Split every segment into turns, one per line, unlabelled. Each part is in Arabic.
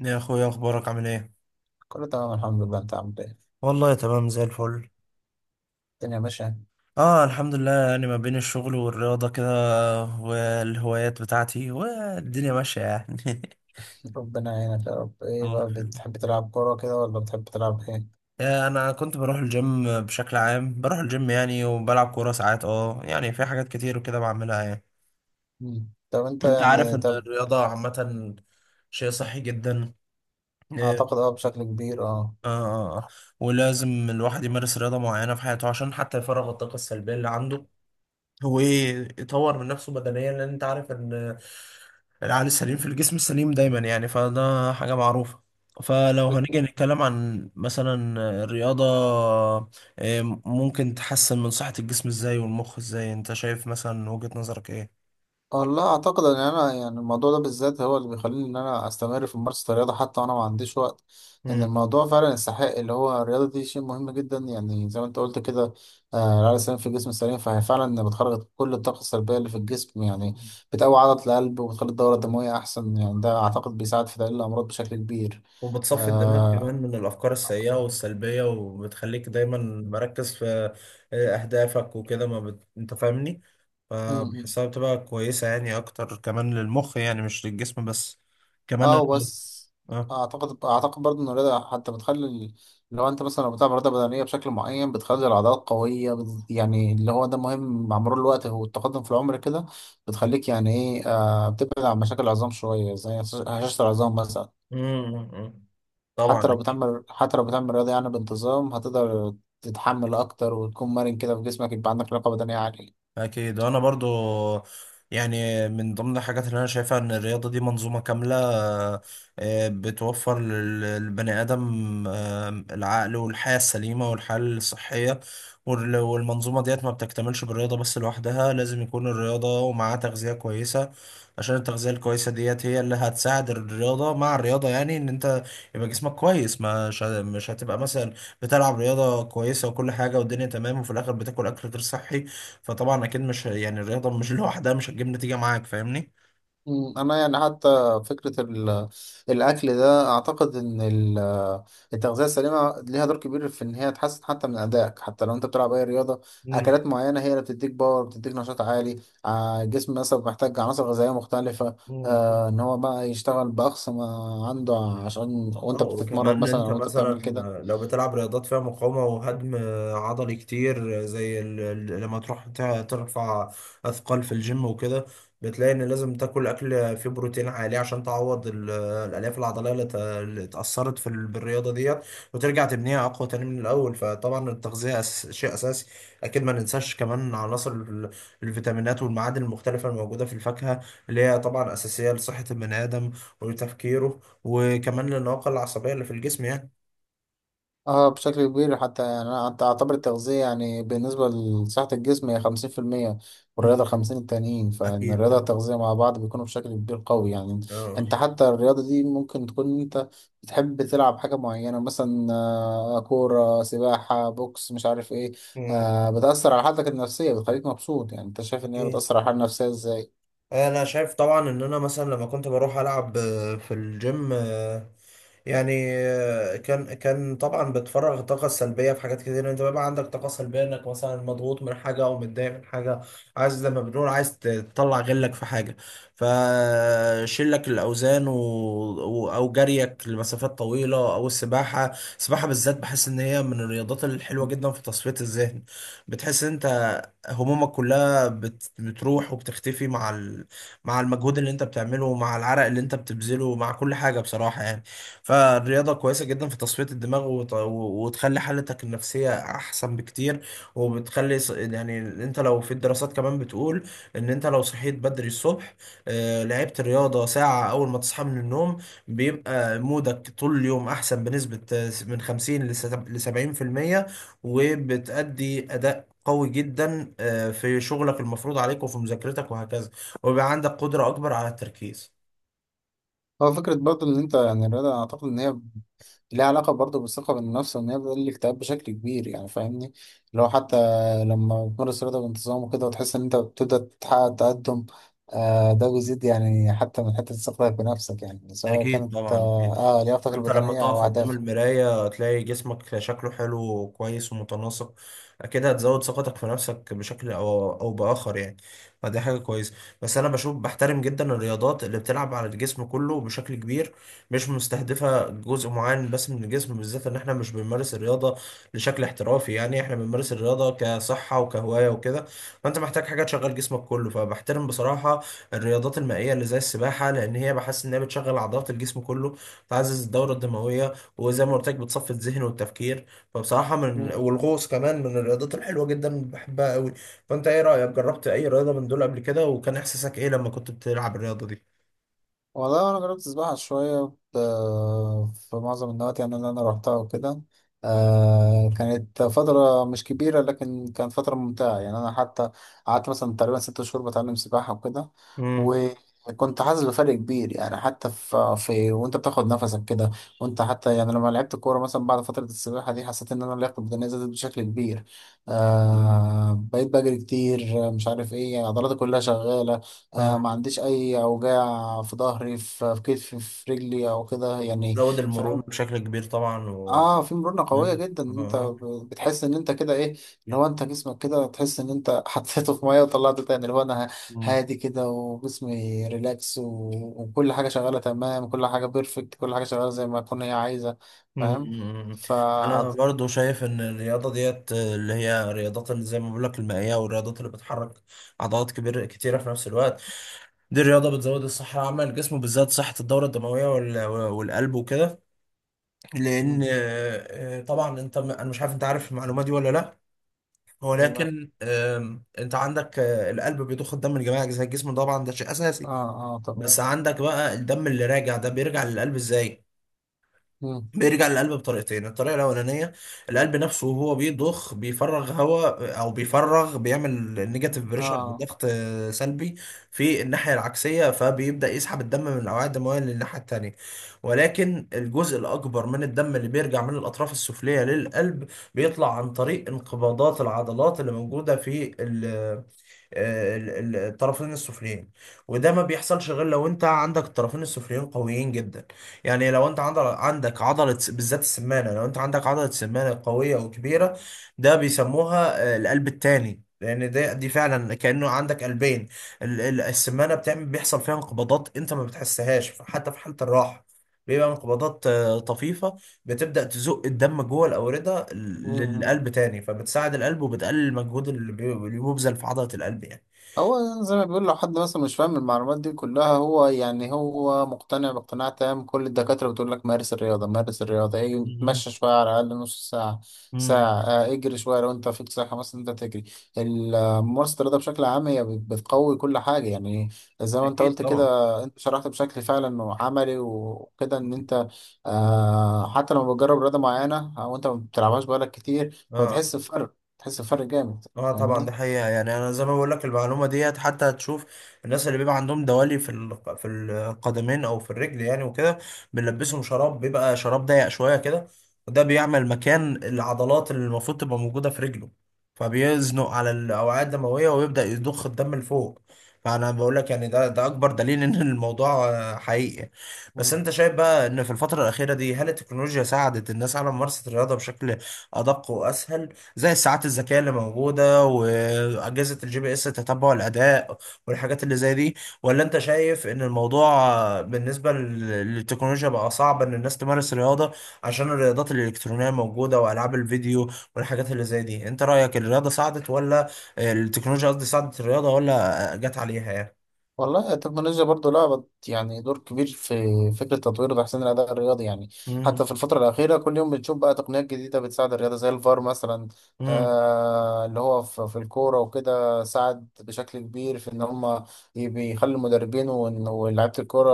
يا اخويا، اخبارك عامل ايه؟
كله تمام، الحمد لله. انت عامل ايه؟
والله تمام زي الفل.
الدنيا ماشية.
اه الحمد لله. يعني ما بين الشغل والرياضة كده والهوايات بتاعتي، والدنيا ماشية يعني
ربنا يعينك يا رب. ايه
الله
بقى،
يخليك.
بتحب تلعب كورة كده ولا بتحب تلعب ايه؟
انا كنت بروح الجيم بشكل عام، بروح الجيم يعني، وبلعب كورة ساعات، يعني في حاجات كتير وكده بعملها يعني.
طب انت
انت عارف
يعني
ان الرياضة عامة شيء صحي جدا. اه
اعتقد بشكل كبير. اه
اه آه. آه. ولازم الواحد يمارس رياضة معينة في حياته، عشان حتى يفرغ الطاقة السلبية اللي عنده، هو ايه، يطور من نفسه بدنيا، لان انت عارف ان العقل السليم في الجسم السليم دايما، يعني فده حاجة معروفة. فلو هنيجي نتكلم عن مثلا الرياضة، ممكن تحسن من صحة الجسم ازاي والمخ ازاي؟ انت شايف مثلا، وجهة نظرك ايه؟
والله اعتقد ان يعني الموضوع ده بالذات هو اللي بيخليني ان انا استمر في ممارسه الرياضه حتى وانا ما عنديش وقت. ان
مم.
الموضوع فعلا يستحق، اللي هو الرياضه دي شيء مهم جدا، يعني زي ما انت قلت كده. آه، العقل السليم في الجسم السليم، فهي فعلا بتخرج كل الطاقه السلبيه اللي في الجسم يعني. بتقوي عضله القلب وبتخلي الدوره الدمويه احسن، يعني ده اعتقد بيساعد في تقليل الامراض بشكل كبير.
وبتصفي الدماغ كمان
آه.
من الأفكار السيئة والسلبية، وبتخليك دايما مركز في أهدافك وكده، ما بت... أنت فاهمني. فبحسها بتبقى كويسة يعني، أكتر كمان للمخ يعني، مش للجسم بس كمان
اه بس
آه.
اعتقد برضه ان الرياضه حتى بتخلي لو انت مثلا لو بتلعب رياضه بدنيه بشكل معين بتخلي العضلات قويه يعني اللي هو ده مهم مع مرور الوقت والتقدم في العمر كده. بتخليك يعني ايه، آه، بتبعد عن مشاكل العظام شويه زي هشاشه العظام مثلا.
مم، مم، مم. طبعا
حتى لو
أكيد.
بتعمل رياضه يعني بانتظام، هتقدر تتحمل اكتر وتكون مرن كده في جسمك، يبقى عندك لياقه بدنيه عاليه.
اكيد. وانا برضو يعني من ضمن الحاجات اللي انا شايفها ان الرياضه دي منظومه كامله. بتوفر للبني ادم العقل والحياه السليمه والحياه الصحيه. والمنظومه ديت ما بتكتملش بالرياضه بس لوحدها، لازم يكون الرياضه ومعاها تغذيه كويسه، عشان التغذيه الكويسه ديت هي اللي هتساعد الرياضه. مع الرياضه يعني ان انت يبقى جسمك كويس، مش هتبقى مثلا بتلعب رياضه كويسه وكل حاجه والدنيا تمام، وفي الاخر بتاكل اكل غير صحي. فطبعا اكيد مش، يعني الرياضه مش لوحدها مش هتجيب نتيجه معاك، فاهمني.
مم، انا يعني حتى فكره الاكل ده اعتقد ان التغذيه السليمه ليها دور كبير في ان هي تحسن حتى من ادائك، حتى لو انت بتلعب اي رياضه.
مم.
اكلات معينه هي اللي بتديك باور، بتديك نشاط عالي. الجسم مثلا محتاج عناصر غذائيه مختلفه،
مم.
آه، ان هو بقى يشتغل باقصى ما عنده، عشان
اه
وانت بتتمرن
وكمان
مثلا
انت
او انت
مثلا
بتعمل كده.
لو بتلعب رياضات فيها مقاومة وهدم عضلي كتير، زي لما تروح ترفع اثقال في الجيم وكده، بتلاقي ان لازم تاكل اكل فيه بروتين عالي، عشان تعوض الالياف العضليه اللي اللي اتاثرت بالرياضه ديت، وترجع تبنيها اقوى تاني من الاول. فطبعا التغذيه شيء اساسي. اكيد ما ننساش كمان عناصر الفيتامينات والمعادن المختلفه الموجوده في الفاكهه، اللي هي طبعا اساسيه لصحه البني ادم وتفكيره، وكمان لللياقة العصبية اللي في الجسم يعني.
اه بشكل كبير. حتى يعني انا اعتبر التغذية يعني بالنسبة لصحة الجسم هي خمسين في المية،
مم.
والرياضة خمسين التانيين، فإن
أكيد
الرياضة
طبعا.
والتغذية مع بعض بيكونوا بشكل كبير قوي يعني.
آه.
انت حتى الرياضة دي ممكن تكون انت بتحب تلعب حاجة معينة، مثلا آه، كورة، سباحة، بوكس، مش عارف ايه،
مم.
آه، بتأثر على حالتك النفسية، بتخليك مبسوط. يعني انت شايف ان هي
أكيد.
بتأثر على الحالة النفسية ازاي؟
انا شايف طبعا ان انا مثلا لما كنت بروح العب في الجيم، يعني كان طبعا بتفرغ الطاقه السلبيه في حاجات كتير. انت بيبقى عندك طاقه سلبيه، انك مثلا مضغوط من حاجه او متضايق من حاجه، عايز زي ما بنقول، عايز تطلع غلك في حاجه، فشيلك الاوزان او جريك لمسافات طويله او السباحه. السباحه بالذات بحس ان هي من الرياضات الحلوه جدا في تصفيه الذهن. بتحس ان انت همومك كلها بتروح وبتختفي مع مع المجهود اللي انت بتعمله، مع العرق اللي انت بتبذله، مع كل حاجة بصراحة يعني. فالرياضة كويسة جدا في تصفية الدماغ وتخلي حالتك النفسية احسن بكتير. وبتخلي يعني انت لو في الدراسات كمان بتقول ان انت لو صحيت بدري الصبح، لعبت رياضة ساعة اول ما تصحى من النوم، بيبقى مودك طول اليوم احسن بنسبة من 50 ل 70%. وبتأدي اداء قوي جدا، في شغلك المفروض عليك وفي مذاكرتك، وهكذا. ويبقى عندك قدرة أكبر على التركيز.
هو فكرة برضه إن أنت يعني الرياضة أنا أعتقد إن هي ليه علاقة برضه بالثقة بالنفس، إن هي بتقلل الاكتئاب بشكل كبير يعني، فاهمني؟ لو حتى لما بتمارس رياضة بانتظام وكده وتحس إن أنت بتبدأ تحقق تقدم، آه، ده بيزيد يعني حتى من حتة ثقتك بنفسك، يعني سواء
أكيد
كانت
طبعا، أكيد.
لياقتك
أنت لما
البدنية
تقف
أو
قدام
أهدافك.
المراية تلاقي جسمك شكله حلو وكويس ومتناسق كده، هتزود ثقتك في نفسك بشكل أو بآخر يعني. فدي حاجة كويسة. بس أنا بشوف، بحترم جدا الرياضات اللي بتلعب على الجسم كله بشكل كبير، مش مستهدفة جزء معين بس من الجسم، بالذات إن إحنا مش بنمارس الرياضة لشكل احترافي، يعني إحنا بنمارس الرياضة كصحة وكهواية وكده. فأنت محتاج حاجة تشغل جسمك كله. فبحترم بصراحة الرياضات المائية اللي زي السباحة، لأن هي بحس إنها بتشغل عضلات الجسم كله، بتعزز الدورة الدموية، وزي ما قلت لك بتصفي الذهن والتفكير. فبصراحة من، والغوص كمان من الرياضات الحلوة جدا، بحبها قوي. فأنت إيه رأيك؟ جربت أي رياضة من دول قبل كده، وكان إحساسك إيه لما كنت بتلعب الرياضة دي؟
والله انا جربت السباحه شويه، في معظم النوادي يعني اللي انا روحتها وكده. آه، كانت فتره مش كبيره لكن كانت فتره ممتعه، يعني انا حتى قعدت مثلا تقريبا ست شهور بتعلم سباحه وكده.
امم.
وكنت حاسس بفرق كبير، يعني حتى في وانت بتاخد نفسك كده. وانت حتى يعني لما لعبت كوره مثلا بعد فتره السباحه دي، حسيت ان انا لياقتي البدنيه زادت بشكل كبير. آه، بقيت بجري كتير مش عارف ايه، يعني عضلاتي كلها شغاله، آه،
اه،
ما عنديش اي اوجاع في ظهري في في كتفي في رجلي او كده يعني.
زود المرونة
فاهم.
بشكل كبير طبعا، و...
اه، في مرونة قوية
مم.
جدا، إن انت بتحس ان انت كده ايه، اللي هو انت جسمك كده تحس ان انت حطيته في مية وطلعته تاني، اللي هو انا
آه.
هادي كده وجسمي ريلاكس و... وكل حاجة شغالة تمام، كل حاجة بيرفكت، كل حاجة شغالة زي ما تكون هي عايزة. فاهم.
مم.
ف
انا برضو شايف ان الرياضه ديت، اللي هي الرياضات اللي زي ما بقول لك المائيه والرياضات اللي بتحرك عضلات كبيره كتيره في نفس الوقت، دي الرياضه بتزود الصحه العامه للجسم، بالذات صحه الدوره الدمويه والقلب وكده، لان
مم.
طبعا انت، انا مش عارف انت عارف المعلومه دي ولا لا،
ايه بقى.
ولكن انت عندك القلب بيضخ الدم لجميع اجزاء الجسم، طبعا ده شيء اساسي.
اه اه طبعا.
بس عندك بقى الدم اللي راجع ده بيرجع للقلب ازاي؟
مم.
بيرجع للقلب بطريقتين. الطريقة الأولانية، القلب نفسه وهو بيضخ بيفرغ هواء، أو بيفرغ بيعمل نيجاتيف
اه
بريشر،
آه.
ضغط سلبي في الناحية العكسية، فبيبدأ يسحب الدم من الأوعية الدموية للناحية التانية. ولكن الجزء الأكبر من الدم اللي بيرجع من الأطراف السفلية للقلب بيطلع عن طريق انقباضات العضلات اللي موجودة في ال- الطرفين السفليين. وده ما بيحصلش غير لو انت عندك الطرفين السفليين قويين جدا، يعني لو انت عندك عضلة بالذات السمانة، لو انت عندك عضلة سمانة قوية وكبيرة، ده بيسموها القلب التاني، لان دي فعلا كانه عندك قلبين. السمانه بتعمل، بيحصل فيها انقباضات انت ما بتحسهاش حتى في حاله الراحه، بيبقى انقباضات طفيفه، بتبدأ تزق الدم جوه الأوردة
مم.
للقلب تاني، فبتساعد القلب وبتقلل المجهود اللي بيبذل في عضلة القلب يعني.
هو زي ما بيقول، لو حد مثلا مش فاهم المعلومات دي كلها، هو يعني هو مقتنع باقتناع تام. كل الدكاترة بتقول لك مارس الرياضة، ايه،
مم.
اتمشى شوية على الأقل نص ساعة،
امم.
ساعة، آه اجري شوية لو انت فيك صحة، مثلا انت تجري. آه، ممارسة الرياضة بشكل عام هي بتقوي كل حاجة يعني، زي ما انت
أكيد
قلت
طبعا.
كده. انت شرحت بشكل فعلا عملي وكده ان انت آه حتى لما بتجرب رياضة معينة او انت ما بتلعبهاش بقالك كتير،
اه
فبتحس بفرق بتحس بفرق جامد،
اه طبعا
فاهمني؟
دي حقيقة يعني. انا زي ما بقول لك، المعلومة ديت حتى هتشوف الناس اللي بيبقى عندهم دوالي في القدمين او في الرجل يعني وكده، بنلبسهم شراب، بيبقى شراب ضيق شوية كده، وده بيعمل مكان العضلات اللي المفروض تبقى موجودة في رجله، فبيزنق على الاوعية الدموية ويبدأ يضخ الدم لفوق. فانا بقول لك يعني ده اكبر دليل ان الموضوع حقيقي. بس انت شايف بقى ان في الفترة الأخيرة دي، هل التكنولوجيا ساعدت الناس على ممارسة الرياضة بشكل ادق واسهل، زي الساعات الذكية اللي موجودة وأجهزة الجي بي اس تتبع الأداء والحاجات اللي زي دي؟ ولا أنت شايف إن الموضوع بالنسبة للتكنولوجيا بقى صعب إن الناس تمارس رياضة، عشان الرياضات الإلكترونية موجودة وألعاب الفيديو والحاجات اللي زي دي؟ أنت رأيك الرياضة ساعدت، ولا التكنولوجيا قصدي ساعدت الرياضة، ولا جت عليها يعني؟
والله التكنولوجيا برضو لعبت يعني دور كبير في فكرة تطوير وتحسين الأداء الرياضي يعني.
مم.
حتى في الفترة الأخيرة كل يوم بنشوف بقى تقنيات جديدة بتساعد الرياضة زي الفار مثلا،
مم.
آه اللي هو في الكورة وكده، ساعد بشكل كبير في إن هم بيخلي المدربين ولاعيبة الكورة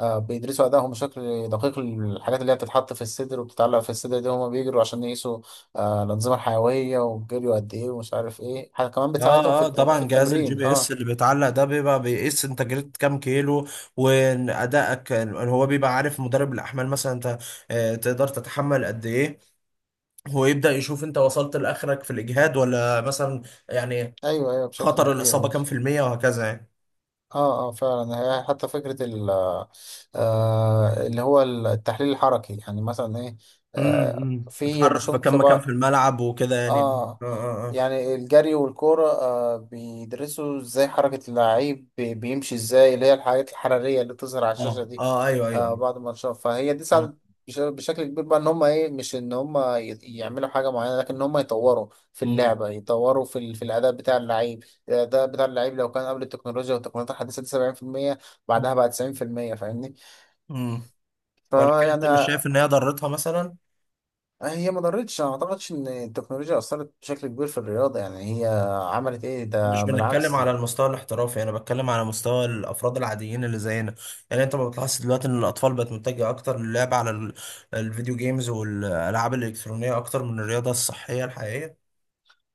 آه بيدرسوا أدائهم بشكل دقيق. الحاجات اللي هي بتتحط في الصدر وبتتعلق في الصدر دي، هم بيجروا عشان يقيسوا آه الأنظمة الحيوية والجري قد إيه ومش عارف إيه، حاجة كمان بتساعدهم في
اه
في
طبعا، جهاز الجي
التمرين.
بي اس
اه،
اللي بيتعلق ده بيبقى بيقيس انت جريت كام كيلو، وادائك. هو بيبقى عارف، مدرب الاحمال مثلا، انت تقدر تتحمل قد ايه، هو يبدا يشوف انت وصلت لاخرك في الاجهاد ولا مثلا، يعني
ايوه ايوه بشكل
خطر
كبير.
الاصابه كام في المية، وهكذا يعني.
اه اه فعلا، هي حتى فكره ال آه اللي هو التحليل الحركي، يعني مثلا ايه، آه
امم،
في
اتحرك في
بشوف في
كام مكان في
بعض.
الملعب وكده يعني.
اه،
اه
يعني الجري والكورة آه بيدرسوا ازاي حركة اللعيب بيمشي ازاي، اللي هي الحاجات الحرارية اللي بتظهر على الشاشة دي،
اه ايوه
آه
ايوه.
بعد ما نشوف. فهي دي ساعدت بشكل كبير بقى، ان هم ايه، مش ان هم يعملوا حاجة معينة، لكن ان هم يطوروا في
امم.
اللعبة، يطوروا في الأداء بتاع اللعيب. الأداء بتاع اللعيب لو كان قبل التكنولوجيا والتقنيات الحديثة دي 70%، بعدها بقى 90%، فاهمني؟
امم. ولكن
فيعني
انت مش شايف ان هي ضرتها مثلا؟
هي ما ضرتش. أنا ما اعتقدش ان التكنولوجيا اثرت بشكل كبير في الرياضه يعني، هي عملت ايه،
مش
ده
بنتكلم
بالعكس
على
يعني.
المستوى الاحترافي، انا بتكلم على مستوى الافراد العاديين اللي زينا. يعني انت ما بتلاحظ دلوقتي ان الاطفال بقت متجهه اكتر للعب على الفيديو جيمز والالعاب الالكترونيه اكتر من الرياضه الصحيه الحقيقيه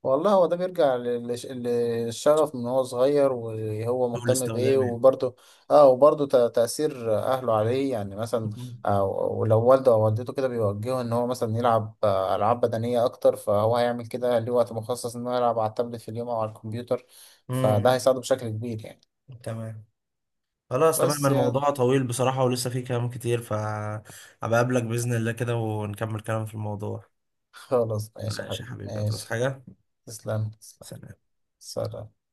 والله هو ده بيرجع للشغف، من هو صغير وهو مهتم بايه،
والاستخدام يعني.
وبرده اه وبرده تاثير اهله عليه، يعني مثلا آه، ولو والده او والدته كده بيوجهه ان هو مثلا يلعب آه، العاب بدنيه اكتر، فهو هيعمل كده. ليه وقت مخصص انه يلعب على التابلت في اليوم او على الكمبيوتر، فده
امم.
هيساعده بشكل كبير يعني.
تمام. خلاص، تمام.
بس يعني
الموضوع طويل بصراحه، ولسه فيه كلام كتير، ف هبقى اقابلك باذن الله كده، ونكمل كلام في الموضوع.
خلاص ماشي يا
ماشي يا
حبيبي،
حبيبي، هتعوز
ماشي.
حاجه؟
تسلم.
سلام.
سلام.